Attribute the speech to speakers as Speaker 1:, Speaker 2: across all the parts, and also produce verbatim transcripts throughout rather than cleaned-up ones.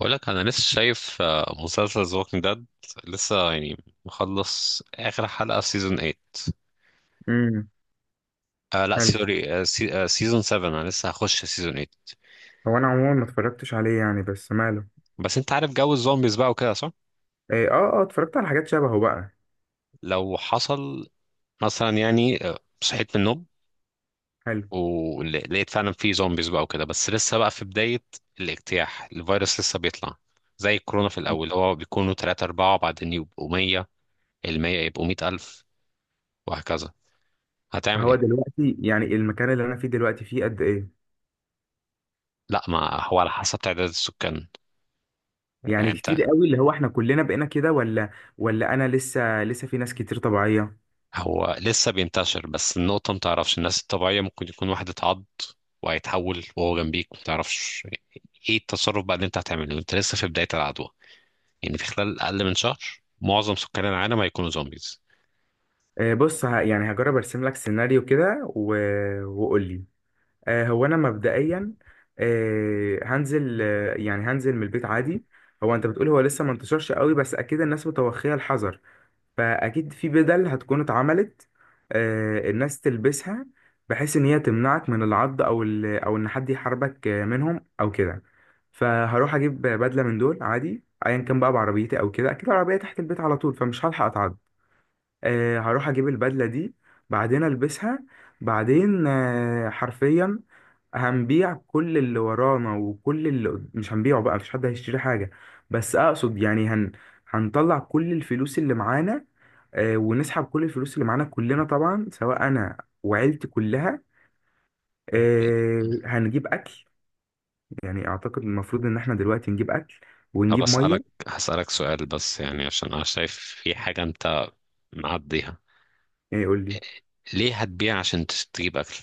Speaker 1: بقول لك انا لسه شايف آه، مسلسل ذا ووكينج ديد، لسه يعني مخلص اخر حلقه في سيزون تمانية.
Speaker 2: امم.
Speaker 1: آه لا
Speaker 2: حلو.
Speaker 1: سوري، سيزون سبعة، انا لسه هخش سيزون تمانية.
Speaker 2: هو انا عموما ما اتفرجتش عليه يعني بس ماله.
Speaker 1: بس انت عارف جو الزومبيز بقى وكده صح؟
Speaker 2: إيه، اه اه اتفرجت على حاجات شبهه بقى.
Speaker 1: لو حصل مثلا يعني آه، صحيت من النوم
Speaker 2: حلو.
Speaker 1: ولقيت فعلا في زومبيز بقى وكده، بس لسه بقى في بدايه الاجتياح، الفيروس لسه بيطلع، زي الكورونا في الاول هو بيكونوا ثلاثة أربعة بعدين يبقوا مية، ال مية يبقوا مية الف وهكذا. هتعمل
Speaker 2: هو
Speaker 1: ايه؟
Speaker 2: دلوقتي يعني المكان اللي انا فيه دلوقتي فيه قد ايه؟
Speaker 1: لا ما هو على حسب تعداد السكان. يعني
Speaker 2: يعني
Speaker 1: انت.
Speaker 2: كتير قوي اللي هو احنا كلنا بقينا كده ولا ولا انا لسه لسه في ناس كتير طبيعية؟
Speaker 1: هو لسه بينتشر، بس النقطة متعرفش، الناس الطبيعية ممكن يكون واحد اتعض وهيتحول وهو جنبيك متعرفش. ايه التصرف بقى اللي انت هتعمله؟ انت لسه في بداية العدوى، يعني في خلال أقل من شهر معظم سكان العالم هيكونوا زومبيز.
Speaker 2: إيه، بص ه- يعني هجرب ارسم لك سيناريو كده و... وقول لي. آه، هو انا مبدئيا. آه، هنزل آه، يعني هنزل من البيت عادي. هو انت بتقول هو لسه ما انتشرش قوي، بس اكيد الناس متوخية الحذر، فاكيد في بدل هتكون اتعملت. آه، الناس تلبسها بحيث ان هي تمنعك من العض او ال... او ان حد يحاربك آه، منهم او كده. فهروح اجيب بدله من دول عادي، ايا كان بقى، بعربيتي او كده، اكيد العربيه تحت البيت على طول فمش هلحق اتعض. آه، هروح اجيب البدله دي بعدين البسها. بعدين آه، حرفيا هنبيع كل اللي ورانا وكل اللي قد- مش هنبيعه بقى، مفيش حد هيشتري حاجه، بس اقصد يعني هن هنطلع كل الفلوس اللي معانا. آه، ونسحب كل الفلوس اللي معانا كلنا طبعا، سواء انا وعيلتي كلها. آه، هنجيب اكل، يعني اعتقد المفروض ان احنا دلوقتي نجيب اكل
Speaker 1: طب
Speaker 2: ونجيب
Speaker 1: أسألك،
Speaker 2: ميه.
Speaker 1: هسألك سؤال بس يعني، عشان أنا شايف في حاجة انت معديها.
Speaker 2: يعني يقول لي.
Speaker 1: ليه هتبيع عشان تش- تجيب أكل؟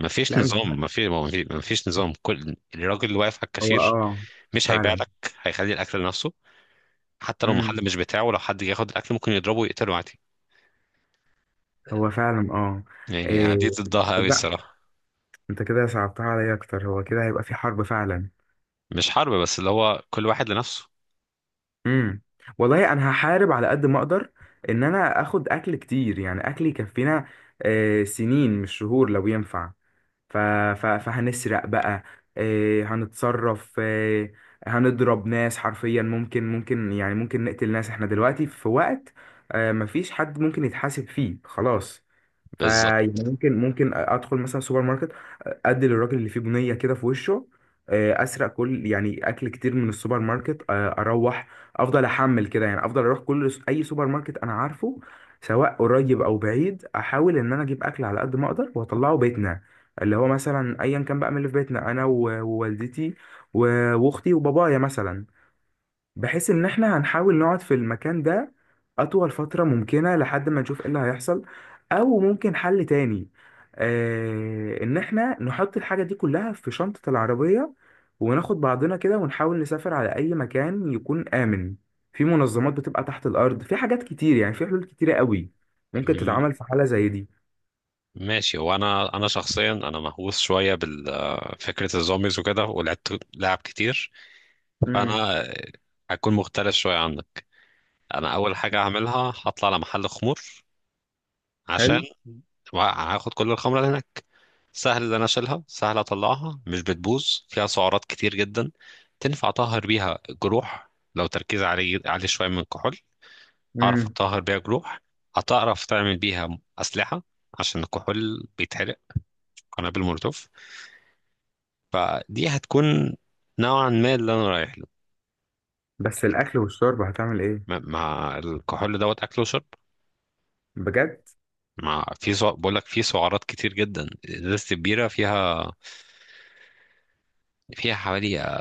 Speaker 1: مفيش
Speaker 2: لا، مش.
Speaker 1: نظام، مفيش مفيش مفيش نظام، كل الراجل اللي واقف على
Speaker 2: هو
Speaker 1: الكاشير
Speaker 2: اه،
Speaker 1: مش هيبيع
Speaker 2: فعلا.
Speaker 1: لك، هيخلي الأكل لنفسه. حتى لو
Speaker 2: امم.
Speaker 1: المحل مش بتاعه، لو حد جه ياخد الاكل ممكن يضربه ويقتله عادي.
Speaker 2: هو فعلا اه.
Speaker 1: يعني أنا دي
Speaker 2: آه.
Speaker 1: ضدها قوي
Speaker 2: لا.
Speaker 1: الصراحه.
Speaker 2: انت كده صعبتها عليا اكتر، هو كده هيبقى في حرب فعلا.
Speaker 1: مش حرب، بس اللي هو كل واحد لنفسه.
Speaker 2: امم. والله انا هحارب على قد ما اقدر ان انا اخد اكل كتير، يعني اكل يكفينا آه، سنين مش شهور لو ينفع. ف... ف... فهنسرق بقى. آه، هنتصرف. آه، هنضرب ناس حرفيا، ممكن ممكن يعني ممكن نقتل ناس. احنا دلوقتي في وقت آه، مفيش حد ممكن يتحاسب فيه خلاص.
Speaker 1: بالظبط.
Speaker 2: فيعني ممكن ممكن ادخل مثلا سوبر ماركت، ادي للراجل اللي فيه بنيه كده في وشه آه، اسرق كل يعني اكل كتير من السوبر ماركت. آه، اروح افضل احمل كده، يعني افضل اروح كل س- اي سوبر ماركت انا عارفه، سواء قريب او بعيد، احاول ان انا اجيب اكل على قد ما اقدر واطلعه بيتنا اللي هو مثلا ايا كان بقى من اللي في بيتنا، انا و- ووالدتي و- واختي وبابايا مثلا، بحيث ان احنا هنحاول نقعد في المكان ده اطول فترة ممكنة لحد ما نشوف ايه اللي هيحصل. او ممكن حل تاني، آه، ان احنا نحط الحاجة دي كلها في شنطة العربية وناخد بعضنا كده ونحاول نسافر على اي مكان يكون امن. في منظمات بتبقى تحت الارض، في حاجات كتير، يعني في حلول كتيرة قوي ممكن
Speaker 1: م-
Speaker 2: تتعمل في حالة زي دي.
Speaker 1: ماشي. هو انا انا شخصيا انا مهووس شويه بفكره الزومبيز وكده، ولعبت لعب كتير،
Speaker 2: امم.
Speaker 1: فانا هكون مختلف شويه عنك. انا اول حاجه هعملها هطلع على محل خمور، عشان
Speaker 2: حلو.
Speaker 1: وهاخد كل الخمره اللي هناك. سهل ان انا اشيلها، سهل اطلعها، مش بتبوظ، فيها سعرات كتير جدا، تنفع اطهر بيها جروح، لو تركيز عليه عليه شويه من الكحول، هعرف
Speaker 2: امم.
Speaker 1: اطهر بيها جروح. هتعرف تعمل بيها اسلحه عشان الكحول بيتحرق، قنابل مولوتوف. فدي هتكون نوعا ما اللي انا رايح له.
Speaker 2: بس الاكل والشرب هتعمل
Speaker 1: مع
Speaker 2: ايه؟
Speaker 1: مع الكحول دوت اكل وشرب.
Speaker 2: بجد؟
Speaker 1: مع في سع... بقول لك في سعرات كتير جدا، ازازه البيره فيها فيها حوالي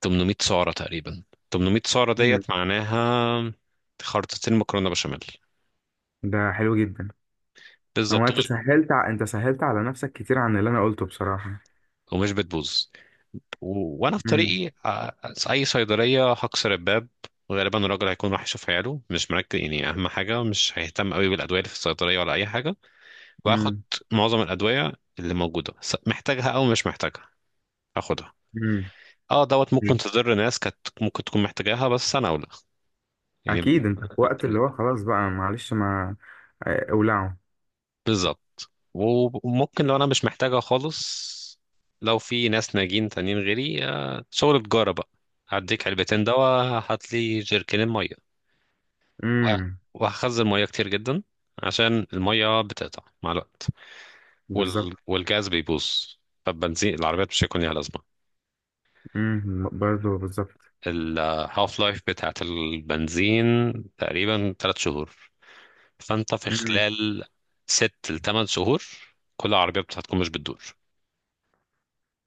Speaker 1: تمن مية سعرة تقريبا. تمن مية سعرة
Speaker 2: مم.
Speaker 1: ديت معناها خرطتين مكرونة بشاميل.
Speaker 2: ده حلو جدا. هو
Speaker 1: بالظبط.
Speaker 2: انت
Speaker 1: ومش
Speaker 2: سهلت ع... انت سهلت على نفسك كتير عن اللي انا قلته بصراحة.
Speaker 1: ومش بتبوظ. و... وانا في
Speaker 2: امم.
Speaker 1: طريقي آه، آه، اي صيدلية هكسر الباب. غالبا الراجل هيكون راح يشوف عياله، مش مركز يعني، اهم حاجة مش هيهتم قوي بالادوية اللي في الصيدلية ولا اي حاجة. واخد
Speaker 2: امم.
Speaker 1: معظم الادوية اللي موجودة، س- محتاجها او مش محتاجها اخدها.
Speaker 2: امم.
Speaker 1: اه دوت ممكن تضر ناس كانت ممكن تكون محتاجاها، بس انا اولى، يعني ب-
Speaker 2: اكيد انت في وقت اللي هو خلاص بقى، معلش ما آه، اولعه.
Speaker 1: بالظبط. وممكن لو انا مش محتاجها خالص، لو في ناس ناجين تانيين غيري آه، شغل تجارة بقى، هديك علبتين دواء، هات لي جيركنين مية. وه-
Speaker 2: امم.
Speaker 1: وهخزن مية كتير جدا عشان المية بتقطع مع الوقت.
Speaker 2: بالظبط.
Speaker 1: وال... والجاز بيبوظ، فالبنزين العربيات مش هيكون ليها لازمة.
Speaker 2: امم. برضه بالظبط.
Speaker 1: الهاف لايف بتاعت البنزين تقريبا تلات شهور، فانت في
Speaker 2: امم.
Speaker 1: خلال ست لتمن شهور كل العربيات هتكون مش بتدور.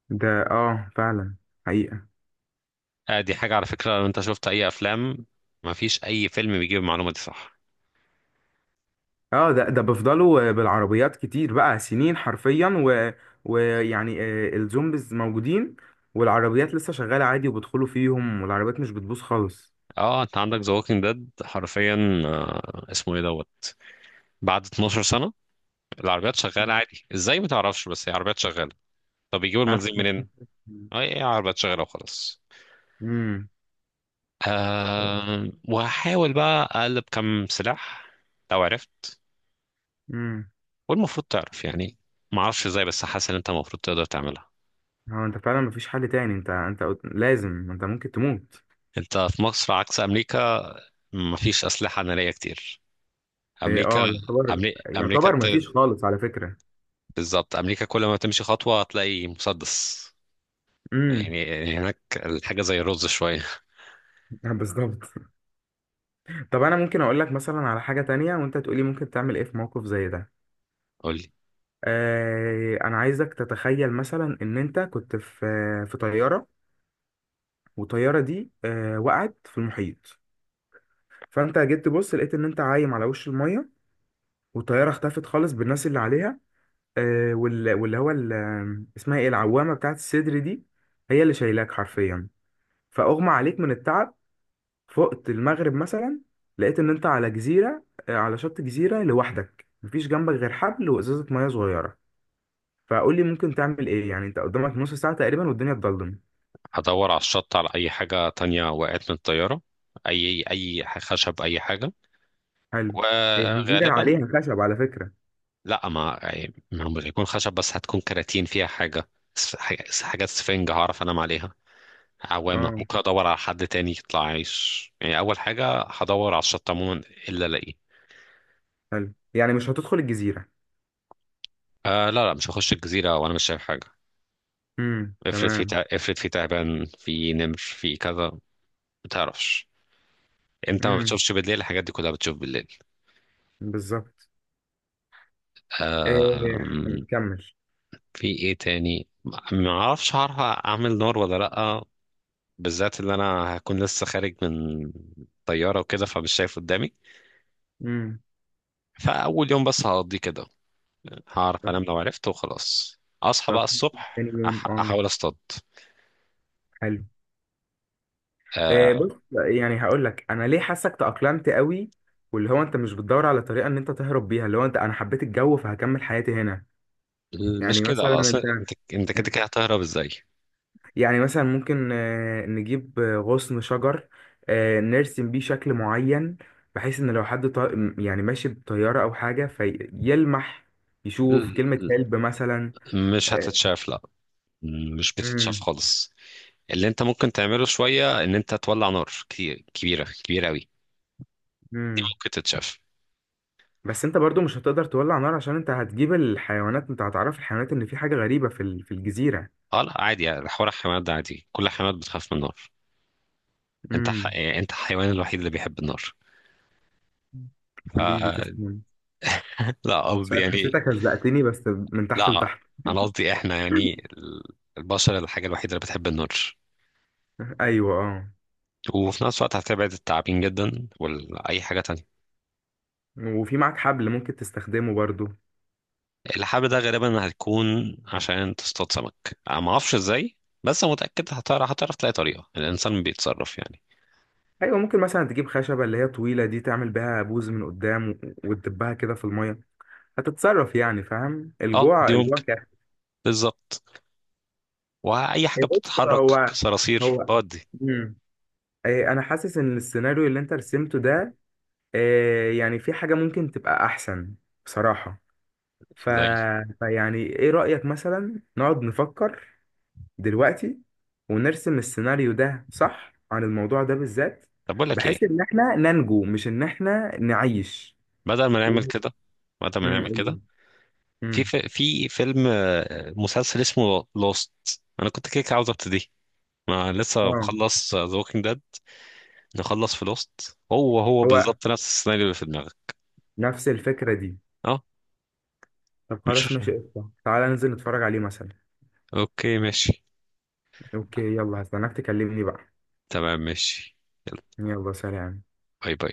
Speaker 2: ده اه فعلا. حقيقة.
Speaker 1: آه، دي حاجة على فكرة، لو انت شفت اي افلام مفيش اي فيلم بيجيب المعلومة دي، صح؟
Speaker 2: اه، ده ده بيفضلوا بالعربيات كتير بقى سنين حرفيا و... ويعني آه، الزومبيز موجودين والعربيات لسه شغالة عادي وبيدخلوا فيهم والعربيات مش بتبوظ خالص.
Speaker 1: اه، انت عندك ذا ووكينج ديد حرفيا، آه، اسمه ايه دوت، بعد اثنا عشر سنة العربيات شغالة عادي ازاي، ما تعرفش، بس هي عربيات شغالة. طب بيجيبوا
Speaker 2: بتاعت-
Speaker 1: المنزل منين؟ اه ايه، عربيات شغالة وخلاص.
Speaker 2: امم.
Speaker 1: آه، وهحاول بقى اقلب كم سلاح لو عرفت،
Speaker 2: امم.
Speaker 1: والمفروض تعرف يعني. ما اعرفش ازاي، بس حاسس ان انت المفروض تقدر تعملها.
Speaker 2: هو انت فعلا مفيش حل تاني. انت انت قلت- لازم انت ممكن تموت.
Speaker 1: انت في مصر عكس امريكا، مفيش اسلحة نارية كتير.
Speaker 2: ايه،
Speaker 1: امريكا،
Speaker 2: اه، يعتبر
Speaker 1: أمري... امريكا
Speaker 2: يعتبر
Speaker 1: انت،
Speaker 2: مفيش خالص على فكرة.
Speaker 1: بالظبط، امريكا كل ما تمشي خطوه هتلاقي مسدس،
Speaker 2: امم.
Speaker 1: يعني هناك الحاجه زي الرز شويه.
Speaker 2: بالظبط. طب انا ممكن اقول لك مثلا على حاجة تانية وانت تقولي ممكن تعمل ايه في موقف زي ده؟
Speaker 1: قول لي.
Speaker 2: آه، انا عايزك تتخيل مثلا ان انت كنت في في طيارة، والطيارة دي آه وقعت في المحيط. فانت جيت تبص لقيت ان انت عايم على وش المية والطيارة اختفت خالص بالناس اللي عليها. آه، وال- واللي هو ال- آه، اسمها ايه العوامة بتاعت الصدر دي، هي اللي شايلاك حرفيا. فأغمى عليك من التعب، فقت المغرب مثلا، لقيت ان انت على جزيرة، آه، على شط جزيرة لوحدك، مفيش جنبك غير حبل وإزازة مية صغيرة. فقول لي ممكن تعمل ايه، يعني انت قدامك نص ساعة تقريبا والدنيا اتضلم.
Speaker 1: هدور على الشط على اي حاجه تانية وقعت من الطياره، اي اي خشب، اي حاجه.
Speaker 2: حلو. هي الجزيرة
Speaker 1: وغالبا،
Speaker 2: عليها خشب على فكرة.
Speaker 1: لا، ما يعني ما هو مش هيكون خشب بس هتكون كراتين فيها حاجه، س- حاجة- حاجات سفنج هعرف انام عليها، عوامه.
Speaker 2: اه.
Speaker 1: ممكن ادور على حد تاني يطلع عايش، يعني اول حاجه هدور على الشط عموما الا الاقيه.
Speaker 2: حلو، يعني مش هتدخل الجزيرة؟
Speaker 1: آه لا لا، مش هخش الجزيره وانا مش شايف حاجه.
Speaker 2: امم،
Speaker 1: افرض في
Speaker 2: تمام.
Speaker 1: تع... افرض في تعبان، في نمر، في كذا، ما بتعرفش، انت ما
Speaker 2: امم.
Speaker 1: بتشوفش بالليل، الحاجات دي كلها بتشوف بالليل.
Speaker 2: بالظبط. إيه.
Speaker 1: أم...
Speaker 2: كمل.
Speaker 1: في ايه تاني، ما ما اعرفش هعرف اعمل نار ولا لا، بالذات اللي انا هكون لسه خارج من طيارة وكده فمش شايف قدامي.
Speaker 2: امم.
Speaker 1: فاول يوم بس هقضيه كده، هعرف انام لو عرفت، وخلاص اصحى
Speaker 2: طب.
Speaker 1: بقى الصبح
Speaker 2: تاني يوم
Speaker 1: أح...
Speaker 2: اه.
Speaker 1: احاول اصطاد.
Speaker 2: حلو.
Speaker 1: أه...
Speaker 2: آه، بص، يعني هقول لك انا ليه حاسك تأقلمت قوي واللي هو انت مش بتدور على طريقه ان انت تهرب بيها، اللي هو انت، انا حبيت الجو فهكمل حياتي هنا.
Speaker 1: مش
Speaker 2: يعني مثلا
Speaker 1: كده، اصل
Speaker 2: انت،
Speaker 1: انت انت كده كده
Speaker 2: انت-
Speaker 1: هتهرب ازاي؟
Speaker 2: يعني مثلا ممكن آه، نجيب آه، غصن شجر آه، نرسم بيه شكل معين بحيث ان لو حد طا... م- يعني ماشي بطياره او حاجه فيلمح، يشوف
Speaker 1: ال-
Speaker 2: كلمه هلب مثلا.
Speaker 1: ال- مش هتتشاف، لا، مش بتتشاف خالص. اللي انت ممكن تعمله شويه ان انت تولع نار كتير كبيره كبيره قوي، دي
Speaker 2: امم.
Speaker 1: ممكن تتشاف.
Speaker 2: بس انت برضو مش هتقدر تولع نار عشان انت هتجيب الحيوانات، انت هتعرف الحيوانات ان في حاجة غريبة في ال- في الجزيرة.
Speaker 1: اه لا عادي، يعني حوار الحيوانات ده عادي، كل الحيوانات بتخاف من النار. انت ح...
Speaker 2: امم.
Speaker 1: يعني انت الحيوان الوحيد اللي بيحب النار. ف...
Speaker 2: حبيبي تسلم.
Speaker 1: لا
Speaker 2: مش
Speaker 1: قصدي
Speaker 2: عارف
Speaker 1: يعني،
Speaker 2: حسيتك هزقتني بس من تحت
Speaker 1: لا
Speaker 2: لتحت.
Speaker 1: انا قصدي، احنا يعني البشر الحاجه الوحيده اللي بتحب النار،
Speaker 2: ايوه اه.
Speaker 1: وفي نفس الوقت هتبعد التعابين جدا واي حاجه تانية.
Speaker 2: وفي معاك حبل ممكن تستخدمه برضو.
Speaker 1: اللحاب ده غالبا هتكون عشان تصطاد سمك، انا ما اعرفش ازاي، بس متاكد هتعرف هتعرف تلاقي طريقه، الانسان بيتصرف يعني.
Speaker 2: ايوه، ممكن مثلا تجيب خشبة اللي هي طويلة دي تعمل بيها بوز من قدام و- وتدبها كده في المية. هتتصرف، يعني فاهم،
Speaker 1: اه
Speaker 2: الجوع
Speaker 1: دي،
Speaker 2: الجوع كده.
Speaker 1: بالظبط، واي حاجه
Speaker 2: بص،
Speaker 1: بتتحرك
Speaker 2: هو
Speaker 1: صراصير
Speaker 2: هو
Speaker 1: بودي.
Speaker 2: امم. إيه، انا حاسس ان السيناريو اللي انت رسمته ده آه، يعني في حاجة ممكن تبقى أحسن بصراحة. ف...
Speaker 1: زي.
Speaker 2: فيعني إيه رأيك مثلا نقعد نفكر دلوقتي ونرسم السيناريو ده صح عن الموضوع ده بالذات،
Speaker 1: طب بقول لك
Speaker 2: بحيث
Speaker 1: ايه،
Speaker 2: إن إحنا ننجو مش إن إحنا نعيش.
Speaker 1: بدل ما
Speaker 2: و...
Speaker 1: نعمل
Speaker 2: م-
Speaker 1: كده بدل ما نعمل كده
Speaker 2: م-
Speaker 1: في
Speaker 2: م.
Speaker 1: في, في فيلم آه، مسلسل اسمه لوست. انا كنت كده كده عاوز ابتدي، ما لسه
Speaker 2: آه.
Speaker 1: مخلص ذا ووكينج ديد، نخلص في لوست. هو هو
Speaker 2: هو
Speaker 1: بالظبط نفس السيناريو اللي في دماغك.
Speaker 2: نفس الفكرة دي.
Speaker 1: اه.
Speaker 2: طب خلاص
Speaker 1: مش.
Speaker 2: ماشي قشطة، تعالى ننزل نتفرج عليه مثلا.
Speaker 1: اوكي ماشي.
Speaker 2: أوكي، يلا هستناك تكلمني بقى.
Speaker 1: تمام ماشي. يلا.
Speaker 2: يلا، سلام.
Speaker 1: باي باي.